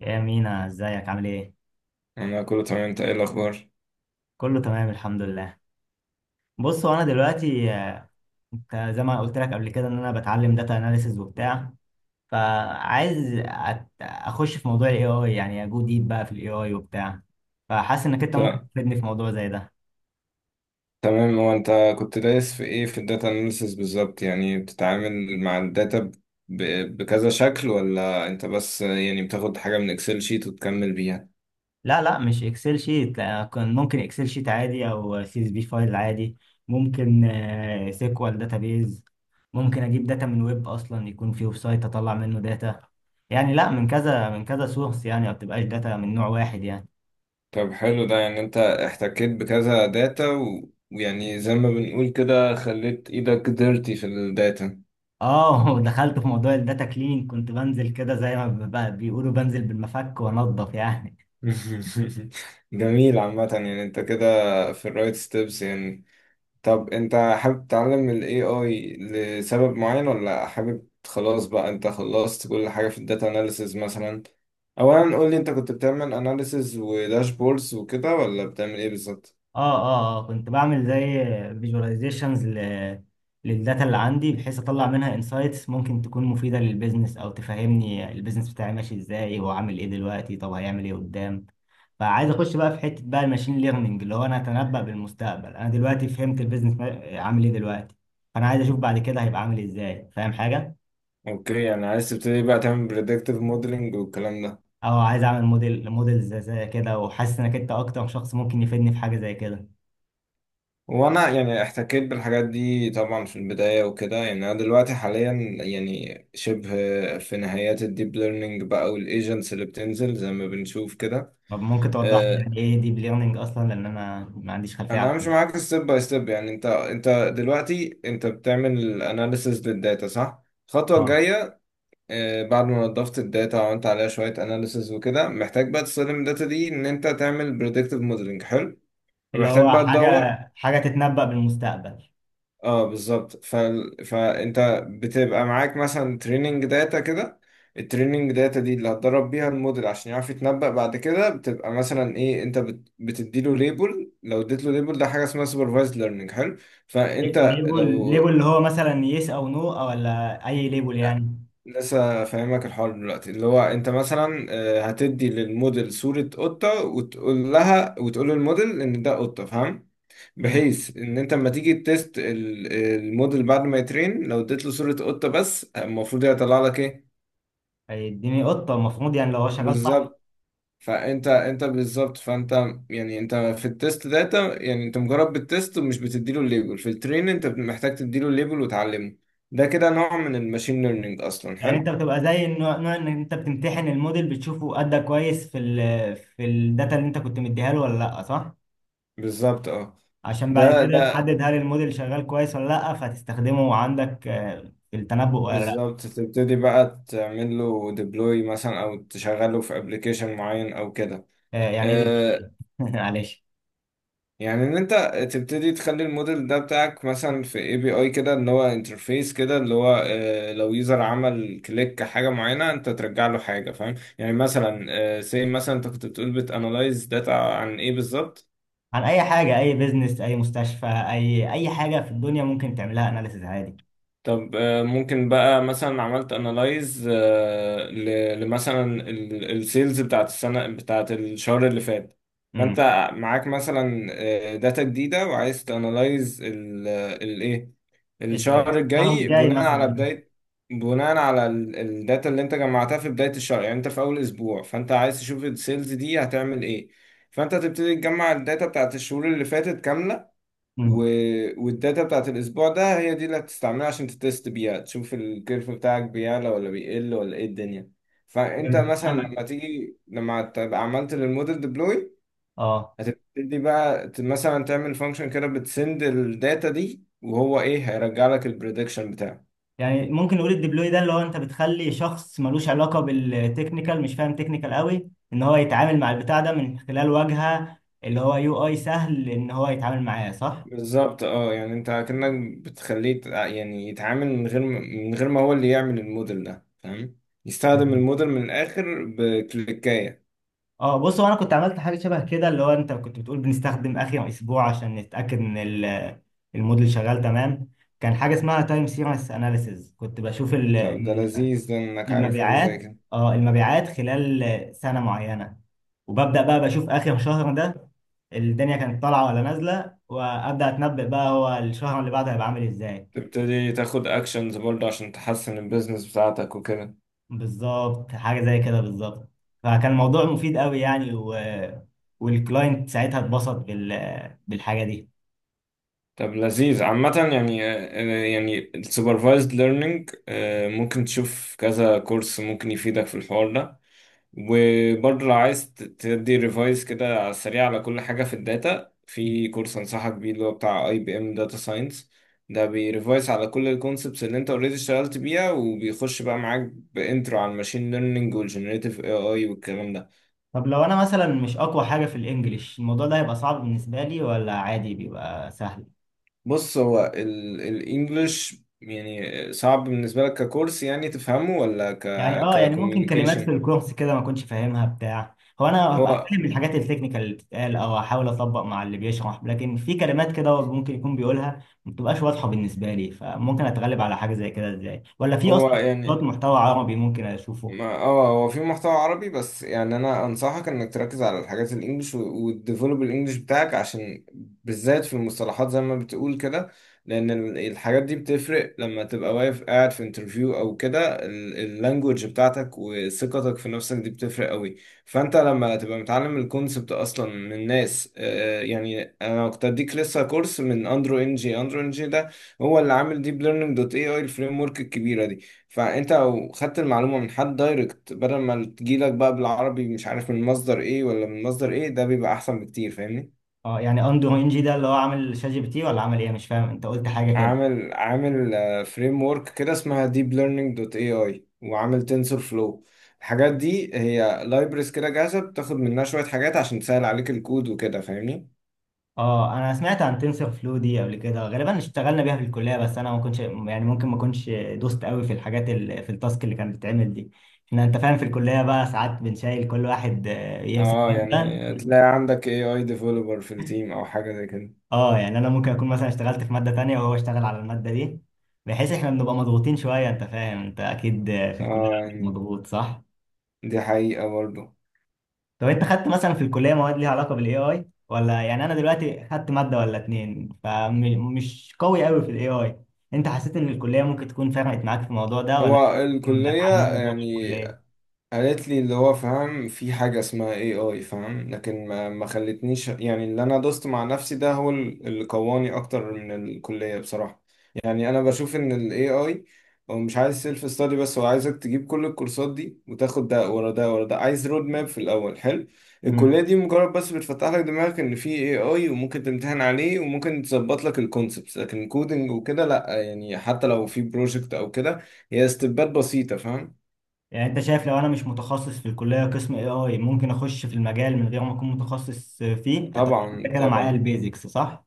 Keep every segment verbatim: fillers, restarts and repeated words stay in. يا مينا ازيك عامل ايه؟ انا كله تمام. انت ايه الاخبار؟ كله تمام الحمد لله. بص هو انا دلوقتي آه، انت زي ما قلت لك قبل كده ان انا بتعلم داتا اناليسز وبتاع. فعايز أت- اخش في موضوع الاي اي، يعني اجو ديب بقى في الاي اي وبتاع. فحاسس انك انت ت- ممكن تفيدني في موضوع زي ده. تمام. هو انت كنت دايس في ايه في الداتا اناليسيس بالظبط؟ يعني بتتعامل مع الداتا ب... ب- بكذا شكل، ولا انت بس يعني بتاخد حاجة من اكسل شيت وتكمل بيها؟ لا لا مش اكسل شيت لا، كان ممكن اكسل شيت عادي او سي اس بي فايل عادي. ممكن سيكوال داتابيز. ممكن اجيب داتا من ويب اصلا، يكون في ويب سايت اطلع منه داتا. يعني لا، من كذا من كذا سورس، يعني ما بتبقاش داتا من نوع واحد يعني. طب حلو. ده يعني انت احتكيت بكذا داتا و... ويعني زي ما بنقول كده، خليت ايدك ديرتي في الداتا. اه دخلت في موضوع الداتا كليننج، كنت بنزل كده زي ما ب- بيقولوا بنزل بالمفك وانضف يعني. جميل. عامة يعني انت كده في الرايت ستيبس يعني. طب انت حابب تتعلم ال إيه آي لسبب معين، ولا حابب خلاص بقى انت خلصت كل حاجة في الداتا اناليسز مثلا؟ اولا قول لي، انت كنت بتعمل اناليسز وداشبوردز وكده، ولا بتعمل ايه بالظبط؟ اه اه آه، كنت بعمل زي فيجواليزيشنز للداتا اللي عندي، بحيث اطلع منها انسايتس ممكن تكون مفيده للبيزنس، او تفهمني البيزنس بتاعي ماشي ازاي، هو عامل ايه دلوقتي، طب هيعمل ايه قدام. فعايز اخش بقى في حته بقى الماشين ليرنينج، اللي هو انا اتنبأ بالمستقبل. انا دلوقتي فهمت البيزنس ما- عامل ايه دلوقتي، فانا عايز اشوف بعد كده هيبقى عامل ازاي. فاهم حاجه؟ اوكي. يعني عايز تبتدي بقى تعمل بريدكتيف موديلنج والكلام ده؟ او عايز اعمل موديل موديل زي زي كده، وحاسس انك انت اكتر شخص ممكن يفيدني في حاجه زي كده. وانا يعني احتكيت بالحاجات دي طبعا في البداية وكده، يعني انا دلوقتي حاليا يعني شبه في نهايات الديب ليرنينج بقى والايجنتس اللي بتنزل زي ما بنشوف كده. طب ممكن توضح لي يعني آه، ايه ديب ليرنينج اصلا، لان انا ما عنديش خلفيه عنه. انا همشي معاك ستيب باي ستيب. يعني انت انت دلوقتي انت بتعمل اناليسز للداتا صح؟ الخطوه اه. الجايه، آه، بعد ما نضفت الداتا وعملت عليها شويه اناليسز وكده، محتاج بقى تستخدم الداتا دي ان انت تعمل بريدكتيف موديلنج. حلو. اللي ومحتاج هو بقى حاجه تدور. حاجه تتنبأ بالمستقبل. اه بالظبط. ف... فانت بتبقى معاك مثلا تريننج داتا كده. التريننج داتا دي اللي هتدرب بيها الموديل عشان يعرف يتنبأ بعد كده. بتبقى مثلا ايه؟ انت بت... بتديله ليبل. لو اديتله ليبل، ده حاجه اسمها سوبرفايزد ليرنينج. حلو. فانت ليبل لو ليبل اللي هو مثلا يس او نو، او ولا اي ليبل يعني. لسه فاهمك الحوار دلوقتي، اللي هو انت مثلا آه، هتدي للموديل صوره قطه وتقول لها وتقول للموديل ان ده قطه، فاهم؟ امم. بحيث ان انت لما تيجي تيست ال- الموديل بعد ما يترين، لو اديت له صورة قطة بس، المفروض يطلع لك ايه؟ هيديني قطه المفروض، يعني لو هو شغال صح. بالظبط. فانت انت بالظبط فانت يعني انت في التيست داتا يعني انت مجرد بالتيست ومش بتديله الليبل، في الترين انت محتاج تديله الليبل وتعلمه. ده كده نوع من الماشين ليرنينج اصلا. يعني حلو. انت بتبقى زي النوع نوع ان انت بتمتحن الموديل، بتشوفه ادى كويس في ال في الداتا اللي انت كنت مديها له ولا لا، صح؟ بالظبط اه. عشان بعد ده كده ده تحدد هل الموديل شغال كويس ولا لا، فتستخدمه عندك آه، في التنبؤ ولا لا. بالظبط. تبتدي بقى تعمل له ديبلوي مثلا، او تشغله في ابلكيشن معين او كده. آه، يعني ايه ديب آه، ليرنينج؟ معلش. يعني ان انت تبتدي تخلي الموديل ده بتاعك مثلا في اي بي اي كده، ان هو انترفيس كده، اللي هو آه، لو يوزر عمل كليك حاجه معينه، انت ترجع له حاجه، فاهم يعني؟ مثلا سي مثلا انت كنت بتقول بتانلايز داتا عن ايه بالظبط؟ عن اي حاجه، اي بيزنس، اي مستشفى، اي اي حاجه في الدنيا ممكن تعملها اناليسز عادي. طب آه، ممكن بقى مثلا عملت انالايز لمثلا السيلز بتاعت السنة، بتاعت الشهر اللي فات. فانت امم. معاك مثلا داتا جديدة وعايز تانالايز الايه، ال- الشهر الشهر الجاي، الجاي بناء على مثلا. بداية، بناء على الداتا اللي انت جمعتها في بداية الشهر. يعني انت في اول اسبوع، فانت عايز تشوف السيلز دي هتعمل ايه. فانت تبتدي تجمع الداتا بتاعت الشهور اللي فاتت كاملة، و... امم. والداتا بتاعت الاسبوع ده هي دي اللي هتستعملها عشان تتست بيها، تشوف الكيرف بتاعك بيعلى ولا بيقل ولا ايه الدنيا. فانت فهمت. مثلا انا لما تيجي لما تبقى عملت للموديل ديبلوي، اه. هتبتدي بقى ت- مثلا تعمل فانكشن كده بتسند الداتا دي، وهو ايه هيرجع لك البريدكشن بتاعه. يعني ممكن نقول الديبلوي ده اللي هو انت بتخلي شخص ملوش علاقه بالتكنيكال، مش فاهم تكنيكال قوي، ان هو يتعامل مع البتاع ده من خلال واجهه، اللي هو يو اي سهل ان هو يتعامل معاه، صح؟ بالظبط اه. يعني انت كأنك بتخليه يت- يعني يتعامل من غير ما- من غير ما هو اللي يعمل الموديل ده، فاهم؟ يستخدم الموديل من الاخر بكليكاية. اه. بص هو انا كنت عملت حاجه شبه كده، اللي هو انت كنت بتقول بنستخدم اخر اسبوع عشان نتاكد ان ال- الموديل شغال تمام. كان حاجه اسمها تايم سيريس اناليسيز، كنت بشوف ال- طب ده ال- لذيذ، ده انك عارف حاجة زي المبيعات. كده. اه، المبيعات خلال سنه معينه، وببدا بقى بشوف اخر شهر ده الدنيا كانت طالعه ولا نازله، وابدا اتنبأ بقى هو الشهر اللي بعده هيبقى عامل ازاي. تبتدي تاخد اكشنز برضه عشان تحسن البيزنس بتاعتك وكده. بالظبط، حاجه زي كده بالظبط. فكان الموضوع مفيد قوي يعني، و... والكلاينت ساعتها اتبسط بال... بالحاجه دي. طب لذيذ. عامة يعني، آه، يعني السوبرفايزد ليرنينج ممكن تشوف كذا كورس ممكن يفيدك في الحوار ده. وبرضه لو عايز ت- تدي ريفايز كده على السريع على كل حاجة في الداتا، في كورس أنصحك بيه اللي هو بتاع اي بي ام داتا ساينس. ده بيريفايز على كل الكونسبتس اللي انت اوريدي اشتغلت بيها، وبيخش بقى معاك بانترو على الماشين ليرنينج والجنريتيف اي اي والكلام ده. طب لو انا مثلا مش اقوى حاجة في الانجليش، الموضوع ده هيبقى صعب بالنسبة لي ولا عادي بيبقى سهل؟ بص، هو الانجليش يعني صعب بالنسبة لك ككورس يعني تفهمه، ولا ك يعني اه، يعني ممكن كلمات في ككوميونيكيشن؟ الكورس كده ما كنتش فاهمها بتاع. هو انا هبقى هو فاهم الحاجات التكنيكال اللي بتتقال، او احاول اطبق مع اللي بيشرح، لكن في كلمات كده هو ممكن يكون بيقولها ما بتبقاش واضحة بالنسبة لي. فممكن اتغلب على حاجة زي كده ازاي، ولا في هو اصلا كورسات يعني، محتوى عربي ممكن اشوفه؟ ما اه هو في محتوى عربي، بس يعني انا انصحك انك تركز على الحاجات الانجليش وتديفلوب الانجليش بتاعك، عشان بالذات في المصطلحات زي ما بتقول كده، لان ال- الحاجات دي بتفرق لما تبقى واقف قاعد في انترفيو او كده. اللانجوج بتاعتك وثقتك في نفسك دي بتفرق قوي. فانت لما تبقى متعلم الكونسبت اصلا من ناس، آه، يعني انا كنت اديك لسه كورس من اندرو انجي. اندرو انجي ده هو اللي عامل ديب ليرنينج دوت اي اي، الفريم ورك الكبيره دي. فانت لو خدت المعلومه من حد دايركت، بدل ما تجيلك بقى بالعربي مش عارف من مصدر ايه ولا من مصدر ايه، ده بيبقى احسن بكتير، فاهمني؟ اه، يعني اندرو انجي ده اللي هو عامل شات جي بي تي ولا عامل ايه؟ مش فاهم، انت قلت حاجة كده. عامل عامل فريم ورك كده اسمها deep learning دوت اي اي، وعامل تنسور فلو. الحاجات دي هي لايبرز كده جاهزه، بتاخد منها شويه حاجات عشان تسهل عليك الكود وكده، فاهمني؟ اه، انا سمعت عن تنسر فلو دي قبل كده، غالبا اشتغلنا بيها في الكليه، بس انا ما كنتش يعني، ممكن ما كنتش دوست قوي في الحاجات ال... في التاسك اللي كانت بتتعمل دي. احنا انت فاهم في الكليه بقى ساعات بنشيل كل واحد آه، يمسك اه ماده. يعني تلاقي عندك اي اي ديفلوبر في التيم او حاجه زي كده. اه، يعني انا ممكن اكون مثلا اشتغلت في ماده تانية وهو اشتغل على الماده دي، بحيث احنا بنبقى مضغوطين شويه. انت فاهم، انت اكيد آه، في الكليه اه يعني مضغوط، صح؟ دي حقيقه برضه. طب انت خدت مثلا في الكليه مواد ليها علاقه بالاي اي ولا؟ يعني انا دلوقتي خدت ماده ولا اتنين، فمش قوي قوي في الاي اي. انت حسيت ان الكليه ممكن تكون فرقت معاك في الموضوع ده، ولا هو ممكن الكلية اتعلمه جوه يعني الكليه؟ قالت لي اللي هو فاهم في حاجة اسمها اي اي، فاهم، لكن ما ما خلتنيش يعني. اللي انا دوست مع نفسي ده هو ال- اللي قواني اكتر من الكلية بصراحة. يعني انا بشوف ان الاي اي هو مش عايز سيلف ستادي بس، هو عايزك تجيب كل الكورسات دي وتاخد ده ورا ده ورا ده، عايز رود ماب في الاول. حلو. الكلية مم. دي مجرد بس بتفتح لك دماغك ان في اي اي، وممكن تمتحن عليه، وممكن تظبط لك الكونسبتس، لكن كودنج وكده لا. يعني حتى لو في بروجكت او كده، هي استبات بسيطة، فاهم؟ يعني انت شايف لو انا مش متخصص في الكليه قسم اي اي ممكن اخش في المجال من غير ما اكون متخصص فيه، اتعلم طبعا كده معايا طبعا. البيزكس، صح؟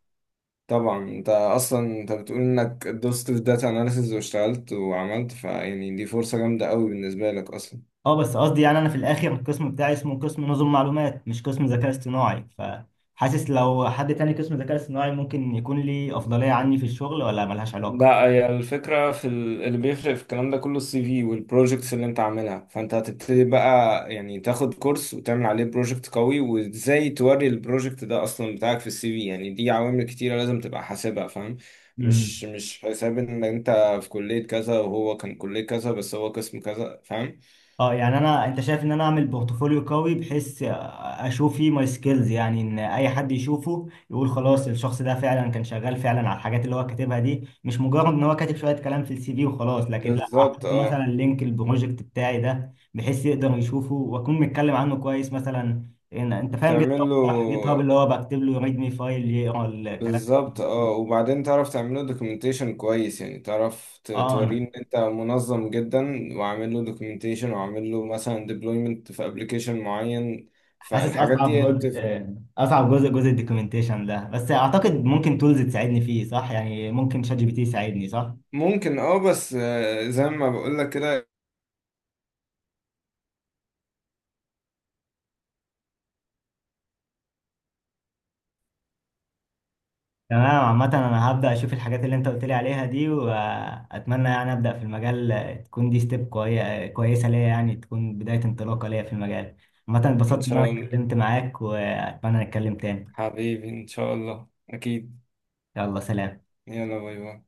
طبعا انت اصلا انت بتقول انك دوست في داتا اناليسز واشتغلت وعملت، فيعني دي فرصة جامدة قوي بالنسبة لك اصلا. اه، بس قصدي يعني انا في الاخر القسم بتاعي اسمه قسم نظم معلومات، مش قسم ذكاء اصطناعي، فحاسس لو حد تاني قسم ذكاء اصطناعي ممكن يكون لي افضلية عني في الشغل، ولا ملهاش علاقة؟ لا، هي الفكرة في ال- اللي بيفرق في الكلام ده كله، السي في والبروجكتس اللي انت عاملها. فانت هتبتدي بقى يعني تاخد كورس وتعمل عليه بروجكت قوي، وازاي توري البروجكت ده اصلا بتاعك في السي في. يعني دي عوامل كتيرة لازم تبقى حاسبها، فاهم؟ مش مم. مش حساب ان انت في كلية كذا وهو كان كلية كذا بس هو قسم كذا، فاهم؟ اه، يعني انا انت شايف ان انا اعمل بورتفوليو قوي بحيث اشوف فيه ماي سكيلز، يعني ان اي حد يشوفه يقول خلاص الشخص ده فعلا كان شغال فعلا على الحاجات اللي هو كاتبها دي، مش مجرد ان هو كاتب شوية كلام في السي في وخلاص. لكن لا، بالظبط احط مثلا اه. لينك البروجكت بتاعي ده بحيث يقدر يشوفه، واكون متكلم عنه كويس مثلا، إن انت فاهم جيت تعمل هاب، له صح؟ جيت هاب اللي هو بكتب له ريد مي فايل يقرا الكلام. بالظبط اه. وبعدين تعرف تعمله دوكيومنتيشن كويس، يعني تعرف ت- اه. توريه ان انت منظم جدا، وعامل له دوكيومنتيشن، وعامل له مثلا ديبلويمنت في ابلكيشن معين. حاسس فالحاجات دي اصعب هي اللي جزء، بتفرق. اصعب جزء جزء الدوكيومنتيشن ده، بس اعتقد ممكن تولز تساعدني فيه، صح؟ يعني ممكن شات جي بي تي يساعدني، صح؟ ممكن اه، بس آه، زي ما بقول لك كده. تمام. عامة انا هبدأ اشوف الحاجات اللي انت قلت لي عليها دي، واتمنى يعني ابدأ في المجال. تكون دي ستيب كوي... كويسة ليا، يعني تكون بداية انطلاقة ليا في المجال. عامة ان اتبسطت ان شاء انا الله. اتكلمت معاك، واتمنى نتكلم تاني. حبيبي ان شاء الله اكيد. يلا سلام. يلا باي باي.